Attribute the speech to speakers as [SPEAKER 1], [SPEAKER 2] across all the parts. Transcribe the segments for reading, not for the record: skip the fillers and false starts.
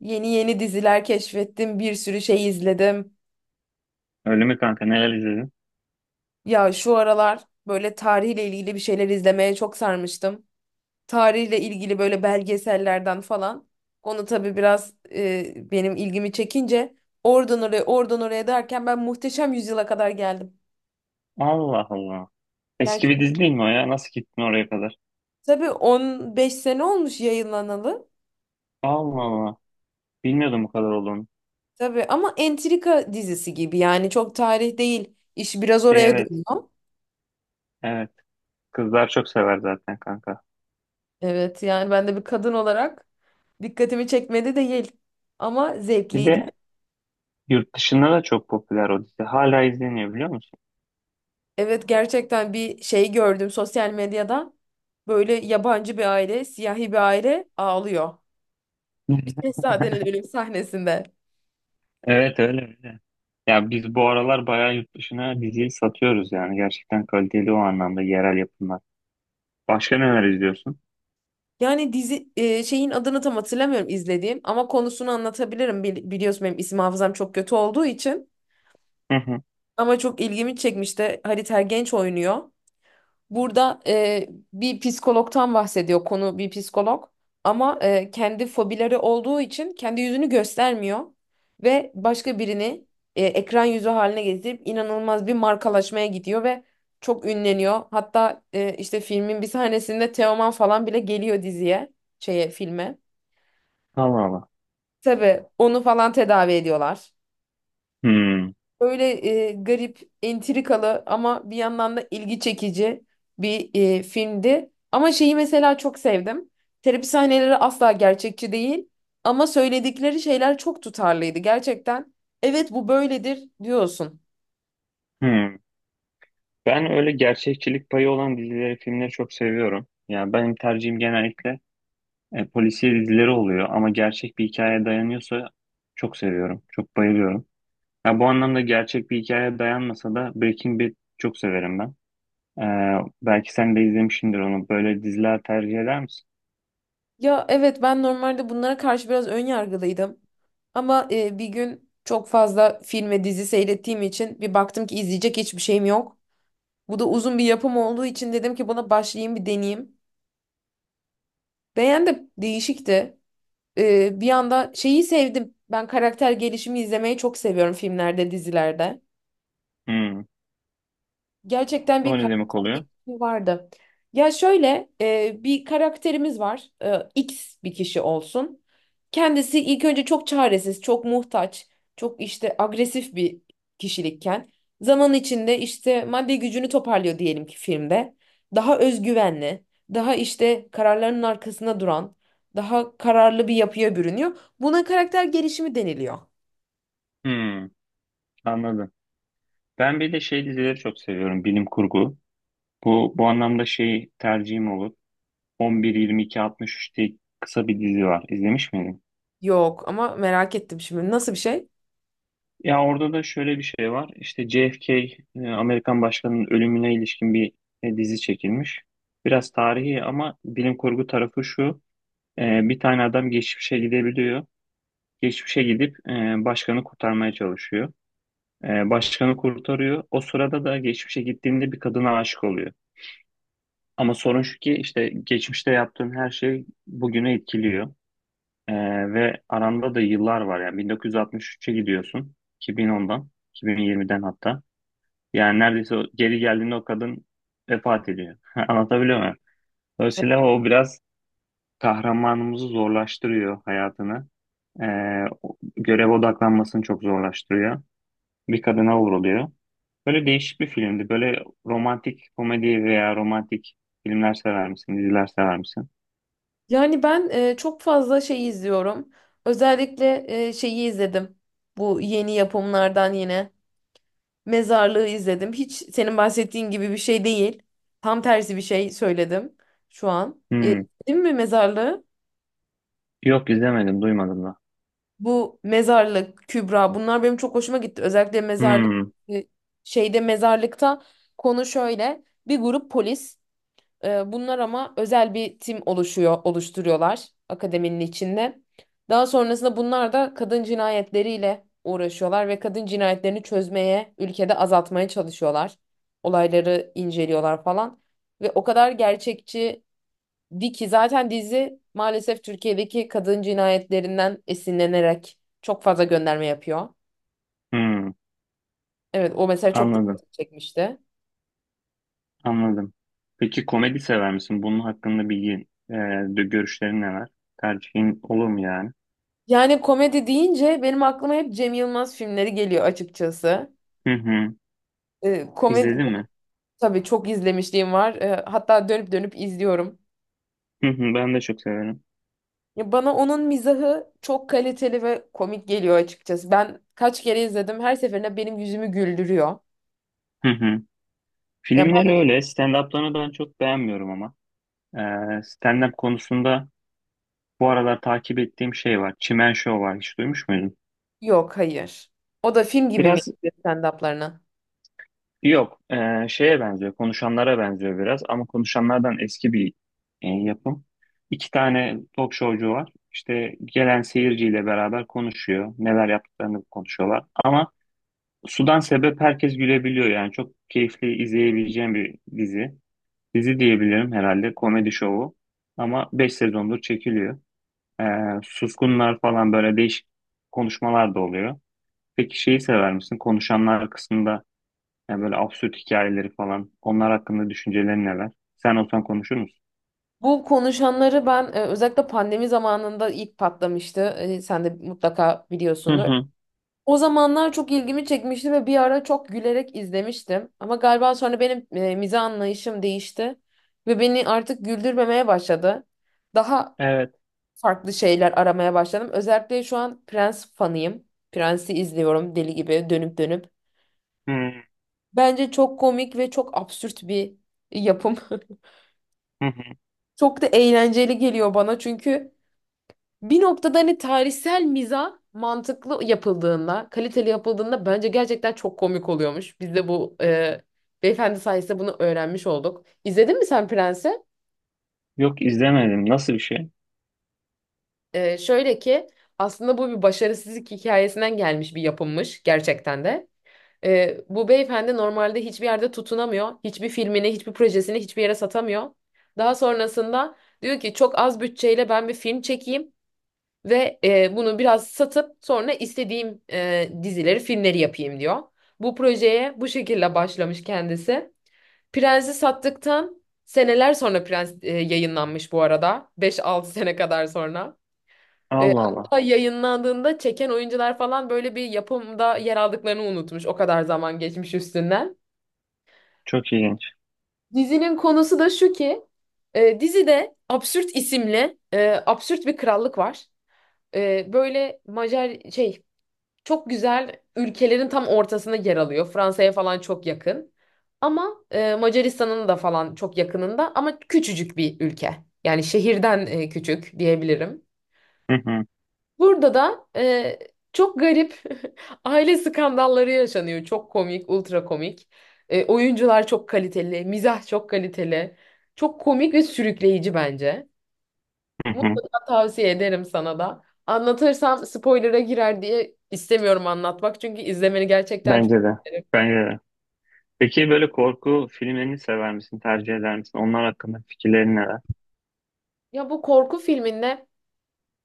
[SPEAKER 1] Yeni yeni diziler keşfettim, bir sürü şey izledim.
[SPEAKER 2] Öyle mi kanka? Neler izledin?
[SPEAKER 1] Ya şu aralar böyle tarihle ilgili bir şeyler izlemeye çok sarmıştım. Tarihle ilgili böyle belgesellerden falan. Onu tabii biraz benim ilgimi çekince oradan oraya oradan oraya derken ben Muhteşem Yüzyıla kadar geldim.
[SPEAKER 2] Allah Allah. Eski
[SPEAKER 1] Gerçi
[SPEAKER 2] bir dizi değil mi o ya? Nasıl gittin oraya kadar?
[SPEAKER 1] tabii 15 sene olmuş yayınlanalı.
[SPEAKER 2] Allah Allah. Bilmiyordum bu kadar olduğunu.
[SPEAKER 1] Tabii ama entrika dizisi gibi yani çok tarih değil. İş biraz
[SPEAKER 2] De
[SPEAKER 1] oraya
[SPEAKER 2] evet.
[SPEAKER 1] dönüyor.
[SPEAKER 2] Evet. Kızlar çok sever zaten kanka.
[SPEAKER 1] Evet, yani ben de bir kadın olarak dikkatimi çekmedi değil ama
[SPEAKER 2] Bir
[SPEAKER 1] zevkliydi.
[SPEAKER 2] de yurt dışında da çok popüler o dizi. Hala izleniyor biliyor musun?
[SPEAKER 1] Evet, gerçekten bir şey gördüm sosyal medyada. Böyle yabancı bir aile, siyahi bir aile ağlıyor. Şehzadenin ölüm sahnesinde.
[SPEAKER 2] Evet, öyle öyle. Ya biz bu aralar bayağı yurt dışına diziyi satıyoruz yani. Gerçekten kaliteli o anlamda yerel yapımlar. Başka neler izliyorsun?
[SPEAKER 1] Yani dizi şeyin adını tam hatırlamıyorum izlediğim ama konusunu anlatabilirim. Biliyorsun benim isim hafızam çok kötü olduğu için.
[SPEAKER 2] Hı hı.
[SPEAKER 1] Ama çok ilgimi çekmişti. Halit Ergenç oynuyor. Burada bir psikologtan bahsediyor konu bir psikolog ama kendi fobileri olduğu için kendi yüzünü göstermiyor ve başka birini ekran yüzü haline getirip inanılmaz bir markalaşmaya gidiyor ve çok ünleniyor. Hatta işte filmin bir sahnesinde Teoman falan bile geliyor diziye, şeye filme.
[SPEAKER 2] Allah Allah.
[SPEAKER 1] Tabii onu falan tedavi ediyorlar.
[SPEAKER 2] Hmm.
[SPEAKER 1] Öyle garip, entrikalı ama bir yandan da ilgi çekici bir filmdi. Ama şeyi mesela çok sevdim. Terapi sahneleri asla gerçekçi değil ama söyledikleri şeyler çok tutarlıydı gerçekten. Evet, bu böyledir diyorsun.
[SPEAKER 2] Hmm. Ben öyle gerçekçilik payı olan dizileri, filmleri çok seviyorum. Yani benim tercihim genellikle polisiye dizileri oluyor ama gerçek bir hikayeye dayanıyorsa çok seviyorum, çok bayılıyorum. Ya bu anlamda gerçek bir hikayeye dayanmasa da Breaking Bad çok severim ben. Ee, Belki sen de izlemişsindir onu. Böyle diziler tercih eder misin?
[SPEAKER 1] Ya evet, ben normalde bunlara karşı biraz ön yargılıydım. Ama bir gün çok fazla film ve dizi seyrettiğim için bir baktım ki izleyecek hiçbir şeyim yok. Bu da uzun bir yapım olduğu için dedim ki buna başlayayım bir deneyeyim. Beğendim, değişikti. Bir anda şeyi sevdim. Ben karakter gelişimi izlemeyi çok seviyorum filmlerde, dizilerde.
[SPEAKER 2] Hmm.
[SPEAKER 1] Gerçekten bir
[SPEAKER 2] O ne demek
[SPEAKER 1] karakter
[SPEAKER 2] oluyor?
[SPEAKER 1] gelişimi vardı. Ya şöyle, bir karakterimiz var. E, X bir kişi olsun. Kendisi ilk önce çok çaresiz, çok muhtaç, çok işte agresif bir kişilikken zaman içinde işte maddi gücünü toparlıyor diyelim ki filmde. Daha özgüvenli, daha işte kararlarının arkasında duran, daha kararlı bir yapıya bürünüyor. Buna karakter gelişimi deniliyor.
[SPEAKER 2] Hmm. Anladım. Ben bir de şey dizileri çok seviyorum, bilim kurgu. Bu anlamda şey tercihim olur. 11-22-63 diye kısa bir dizi var. İzlemiş miydin?
[SPEAKER 1] Yok ama merak ettim şimdi, nasıl bir şey?
[SPEAKER 2] Ya orada da şöyle bir şey var. İşte JFK, Amerikan başkanının ölümüne ilişkin bir dizi çekilmiş. Biraz tarihi ama bilim kurgu tarafı şu. Bir tane adam geçmişe gidebiliyor. Geçmişe gidip başkanı kurtarmaya çalışıyor. Başkanı kurtarıyor. O sırada da geçmişe gittiğinde bir kadına aşık oluyor. Ama sorun şu ki işte geçmişte yaptığın her şey bugüne etkiliyor. Ee, Ve aranda da yıllar var yani 1963'e gidiyorsun, 2010'dan, 2020'den hatta. Yani neredeyse geri geldiğinde o kadın vefat ediyor. Anlatabiliyor muyum? Dolayısıyla o biraz kahramanımızı zorlaştırıyor, hayatını. Görev odaklanmasını çok zorlaştırıyor. Bir kadına vuruluyor. Böyle değişik bir filmdi. Böyle romantik komedi veya romantik filmler sever misin, diziler sever misin?
[SPEAKER 1] Yani ben çok fazla şey izliyorum. Özellikle şeyi izledim. Bu yeni yapımlardan yine. Mezarlığı izledim. Hiç senin bahsettiğin gibi bir şey değil. Tam tersi bir şey söyledim şu an. E,
[SPEAKER 2] Hmm.
[SPEAKER 1] değil mi Mezarlığı?
[SPEAKER 2] Yok, izlemedim duymadım da.
[SPEAKER 1] Bu Mezarlık, Kübra, bunlar benim çok hoşuma gitti. Özellikle Mezarlık
[SPEAKER 2] Hmm.
[SPEAKER 1] e, şeyde Mezarlık'ta konu şöyle. Bir grup polis. Bunlar ama özel bir tim oluşuyor, oluşturuyorlar akademinin içinde. Daha sonrasında bunlar da kadın cinayetleriyle uğraşıyorlar ve kadın cinayetlerini çözmeye, ülkede azaltmaya çalışıyorlar. Olayları inceliyorlar falan. Ve o kadar gerçekçi di ki zaten dizi, maalesef Türkiye'deki kadın cinayetlerinden esinlenerek çok fazla gönderme yapıyor.
[SPEAKER 2] Hmm.
[SPEAKER 1] Evet, o mesela çok
[SPEAKER 2] Anladım.
[SPEAKER 1] dikkat çekmişti.
[SPEAKER 2] Anladım. Peki komedi sever misin? Bunun hakkında bilgi, görüşlerin neler? Tercihin olur mu yani?
[SPEAKER 1] Yani komedi deyince benim aklıma hep Cem Yılmaz filmleri geliyor açıkçası.
[SPEAKER 2] Hı hı.
[SPEAKER 1] E, komedi
[SPEAKER 2] İzledin mi?
[SPEAKER 1] tabii çok izlemişliğim var. E, hatta dönüp dönüp izliyorum.
[SPEAKER 2] Hı hı. Ben de çok severim.
[SPEAKER 1] Ya bana onun mizahı çok kaliteli ve komik geliyor açıkçası. Ben kaç kere izledim, her seferinde benim yüzümü güldürüyor.
[SPEAKER 2] Hı hı.
[SPEAKER 1] Ya ben,
[SPEAKER 2] Filmleri öyle. Stand-up'larını ben çok beğenmiyorum ama. E, Stand-up konusunda bu aralar takip ettiğim şey var. Çimen Show var. Hiç duymuş muydun?
[SPEAKER 1] yok, hayır. O da film gibi mi
[SPEAKER 2] Biraz.
[SPEAKER 1] izliyor stand-up'larını?
[SPEAKER 2] Yok, şeye benziyor, konuşanlara benziyor biraz ama konuşanlardan eski bir yapım. İki tane talk showcu var. İşte gelen seyirciyle beraber konuşuyor, neler yaptıklarını konuşuyorlar. Ama sudan sebep herkes gülebiliyor yani çok keyifli izleyebileceğim bir dizi. Dizi diyebilirim herhalde, komedi şovu. Ama 5 sezondur çekiliyor. E, Suskunlar falan böyle değişik konuşmalar da oluyor. Peki şeyi sever misin? Konuşanlar kısmında yani böyle absürt hikayeleri falan. Onlar hakkında düşüncelerin neler? Sen olsan konuşur musun?
[SPEAKER 1] Bu konuşanları ben özellikle pandemi zamanında ilk patlamıştı. E, sen de mutlaka
[SPEAKER 2] Hı
[SPEAKER 1] biliyorsundur.
[SPEAKER 2] hı.
[SPEAKER 1] O zamanlar çok ilgimi çekmişti ve bir ara çok gülerek izlemiştim. Ama galiba sonra benim mizah anlayışım değişti ve beni artık güldürmemeye başladı. Daha
[SPEAKER 2] Evet.
[SPEAKER 1] farklı şeyler aramaya başladım. Özellikle şu an Prens fanıyım. Prens'i izliyorum deli gibi dönüp dönüp.
[SPEAKER 2] Hı
[SPEAKER 1] Bence çok komik ve çok absürt bir yapım.
[SPEAKER 2] hı hı.
[SPEAKER 1] Çok da eğlenceli geliyor bana, çünkü bir noktada hani tarihsel mizah mantıklı yapıldığında, kaliteli yapıldığında bence gerçekten çok komik oluyormuş. Biz de bu beyefendi sayesinde bunu öğrenmiş olduk. İzledin mi sen Prens'i?
[SPEAKER 2] Yok, izlemedim. Nasıl bir şey?
[SPEAKER 1] E, şöyle ki aslında bu bir başarısızlık hikayesinden gelmiş bir yapımmış gerçekten de. E, bu beyefendi normalde hiçbir yerde tutunamıyor. Hiçbir filmini, hiçbir projesini hiçbir yere satamıyor. Daha sonrasında diyor ki çok az bütçeyle ben bir film çekeyim. Ve bunu biraz satıp sonra istediğim dizileri, filmleri yapayım diyor. Bu projeye bu şekilde başlamış kendisi. Prens'i sattıktan seneler sonra Prens yayınlanmış bu arada, 5-6 sene kadar sonra. E,
[SPEAKER 2] Allah Allah.
[SPEAKER 1] hatta yayınlandığında çeken oyuncular falan böyle bir yapımda yer aldıklarını unutmuş. O kadar zaman geçmiş üstünden.
[SPEAKER 2] Çok ilginç.
[SPEAKER 1] Dizinin konusu da şu ki dizide Absürt isimli absürt bir krallık var. E, böyle Macar şey. Çok güzel ülkelerin tam ortasında yer alıyor. Fransa'ya falan çok yakın. Ama Macaristan'ın da falan çok yakınında ama küçücük bir ülke. Yani şehirden küçük diyebilirim.
[SPEAKER 2] Hı hı
[SPEAKER 1] Burada da çok garip aile skandalları yaşanıyor. Çok komik, ultra komik. E, oyuncular çok kaliteli, mizah çok kaliteli. Çok komik ve sürükleyici bence.
[SPEAKER 2] hı hı.
[SPEAKER 1] Mutlaka tavsiye ederim sana da. Anlatırsam spoiler'a girer diye istemiyorum anlatmak. Çünkü izlemeni gerçekten çok
[SPEAKER 2] Bence de.
[SPEAKER 1] isterim.
[SPEAKER 2] Bence de. Peki böyle korku filmlerini sever misin? Tercih eder misin? Onlar hakkında fikirlerin neler?
[SPEAKER 1] Ya bu korku filminde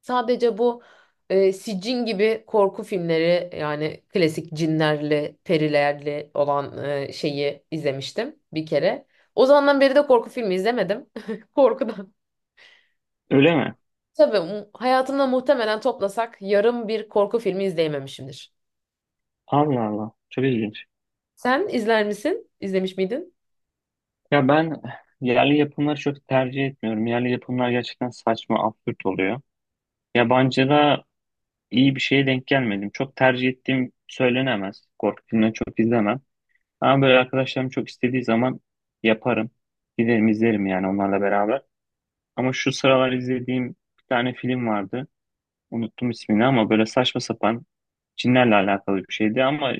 [SPEAKER 1] sadece bu Sicin gibi korku filmleri, yani klasik cinlerle, perilerle olan şeyi izlemiştim bir kere. O zamandan beri de korku filmi izlemedim. Korkudan.
[SPEAKER 2] Öyle mi?
[SPEAKER 1] Tabii hayatımda muhtemelen toplasak yarım bir korku filmi izleyememişimdir.
[SPEAKER 2] Allah Allah. Çok ilginç.
[SPEAKER 1] Sen izler misin? İzlemiş miydin?
[SPEAKER 2] Ya ben yerli yapımları çok tercih etmiyorum. Yerli yapımlar gerçekten saçma, absürt oluyor. Yabancıda iyi bir şeye denk gelmedim. Çok tercih ettiğim söylenemez. Korku filmleri çok izlemem. Ama böyle arkadaşlarım çok istediği zaman yaparım. Giderim izlerim yani onlarla beraber. Ama şu sıralar izlediğim bir tane film vardı. Unuttum ismini ama böyle saçma sapan cinlerle alakalı bir şeydi ama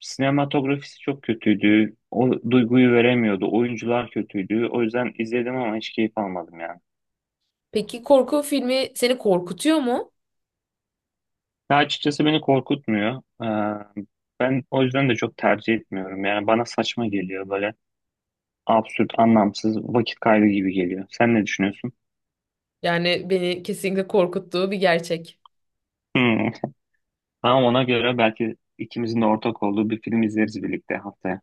[SPEAKER 2] sinematografisi çok kötüydü. O duyguyu veremiyordu. Oyuncular kötüydü. O yüzden izledim ama hiç keyif almadım ya.
[SPEAKER 1] Peki korku filmi seni korkutuyor mu?
[SPEAKER 2] Ya açıkçası beni korkutmuyor. Ben o yüzden de çok tercih etmiyorum. Yani bana saçma geliyor, böyle absürt, anlamsız, vakit kaybı gibi geliyor. Sen ne düşünüyorsun?
[SPEAKER 1] Yani beni kesinlikle korkuttuğu bir gerçek.
[SPEAKER 2] Hmm. Tamam, ona göre belki ikimizin de ortak olduğu bir film izleriz birlikte haftaya.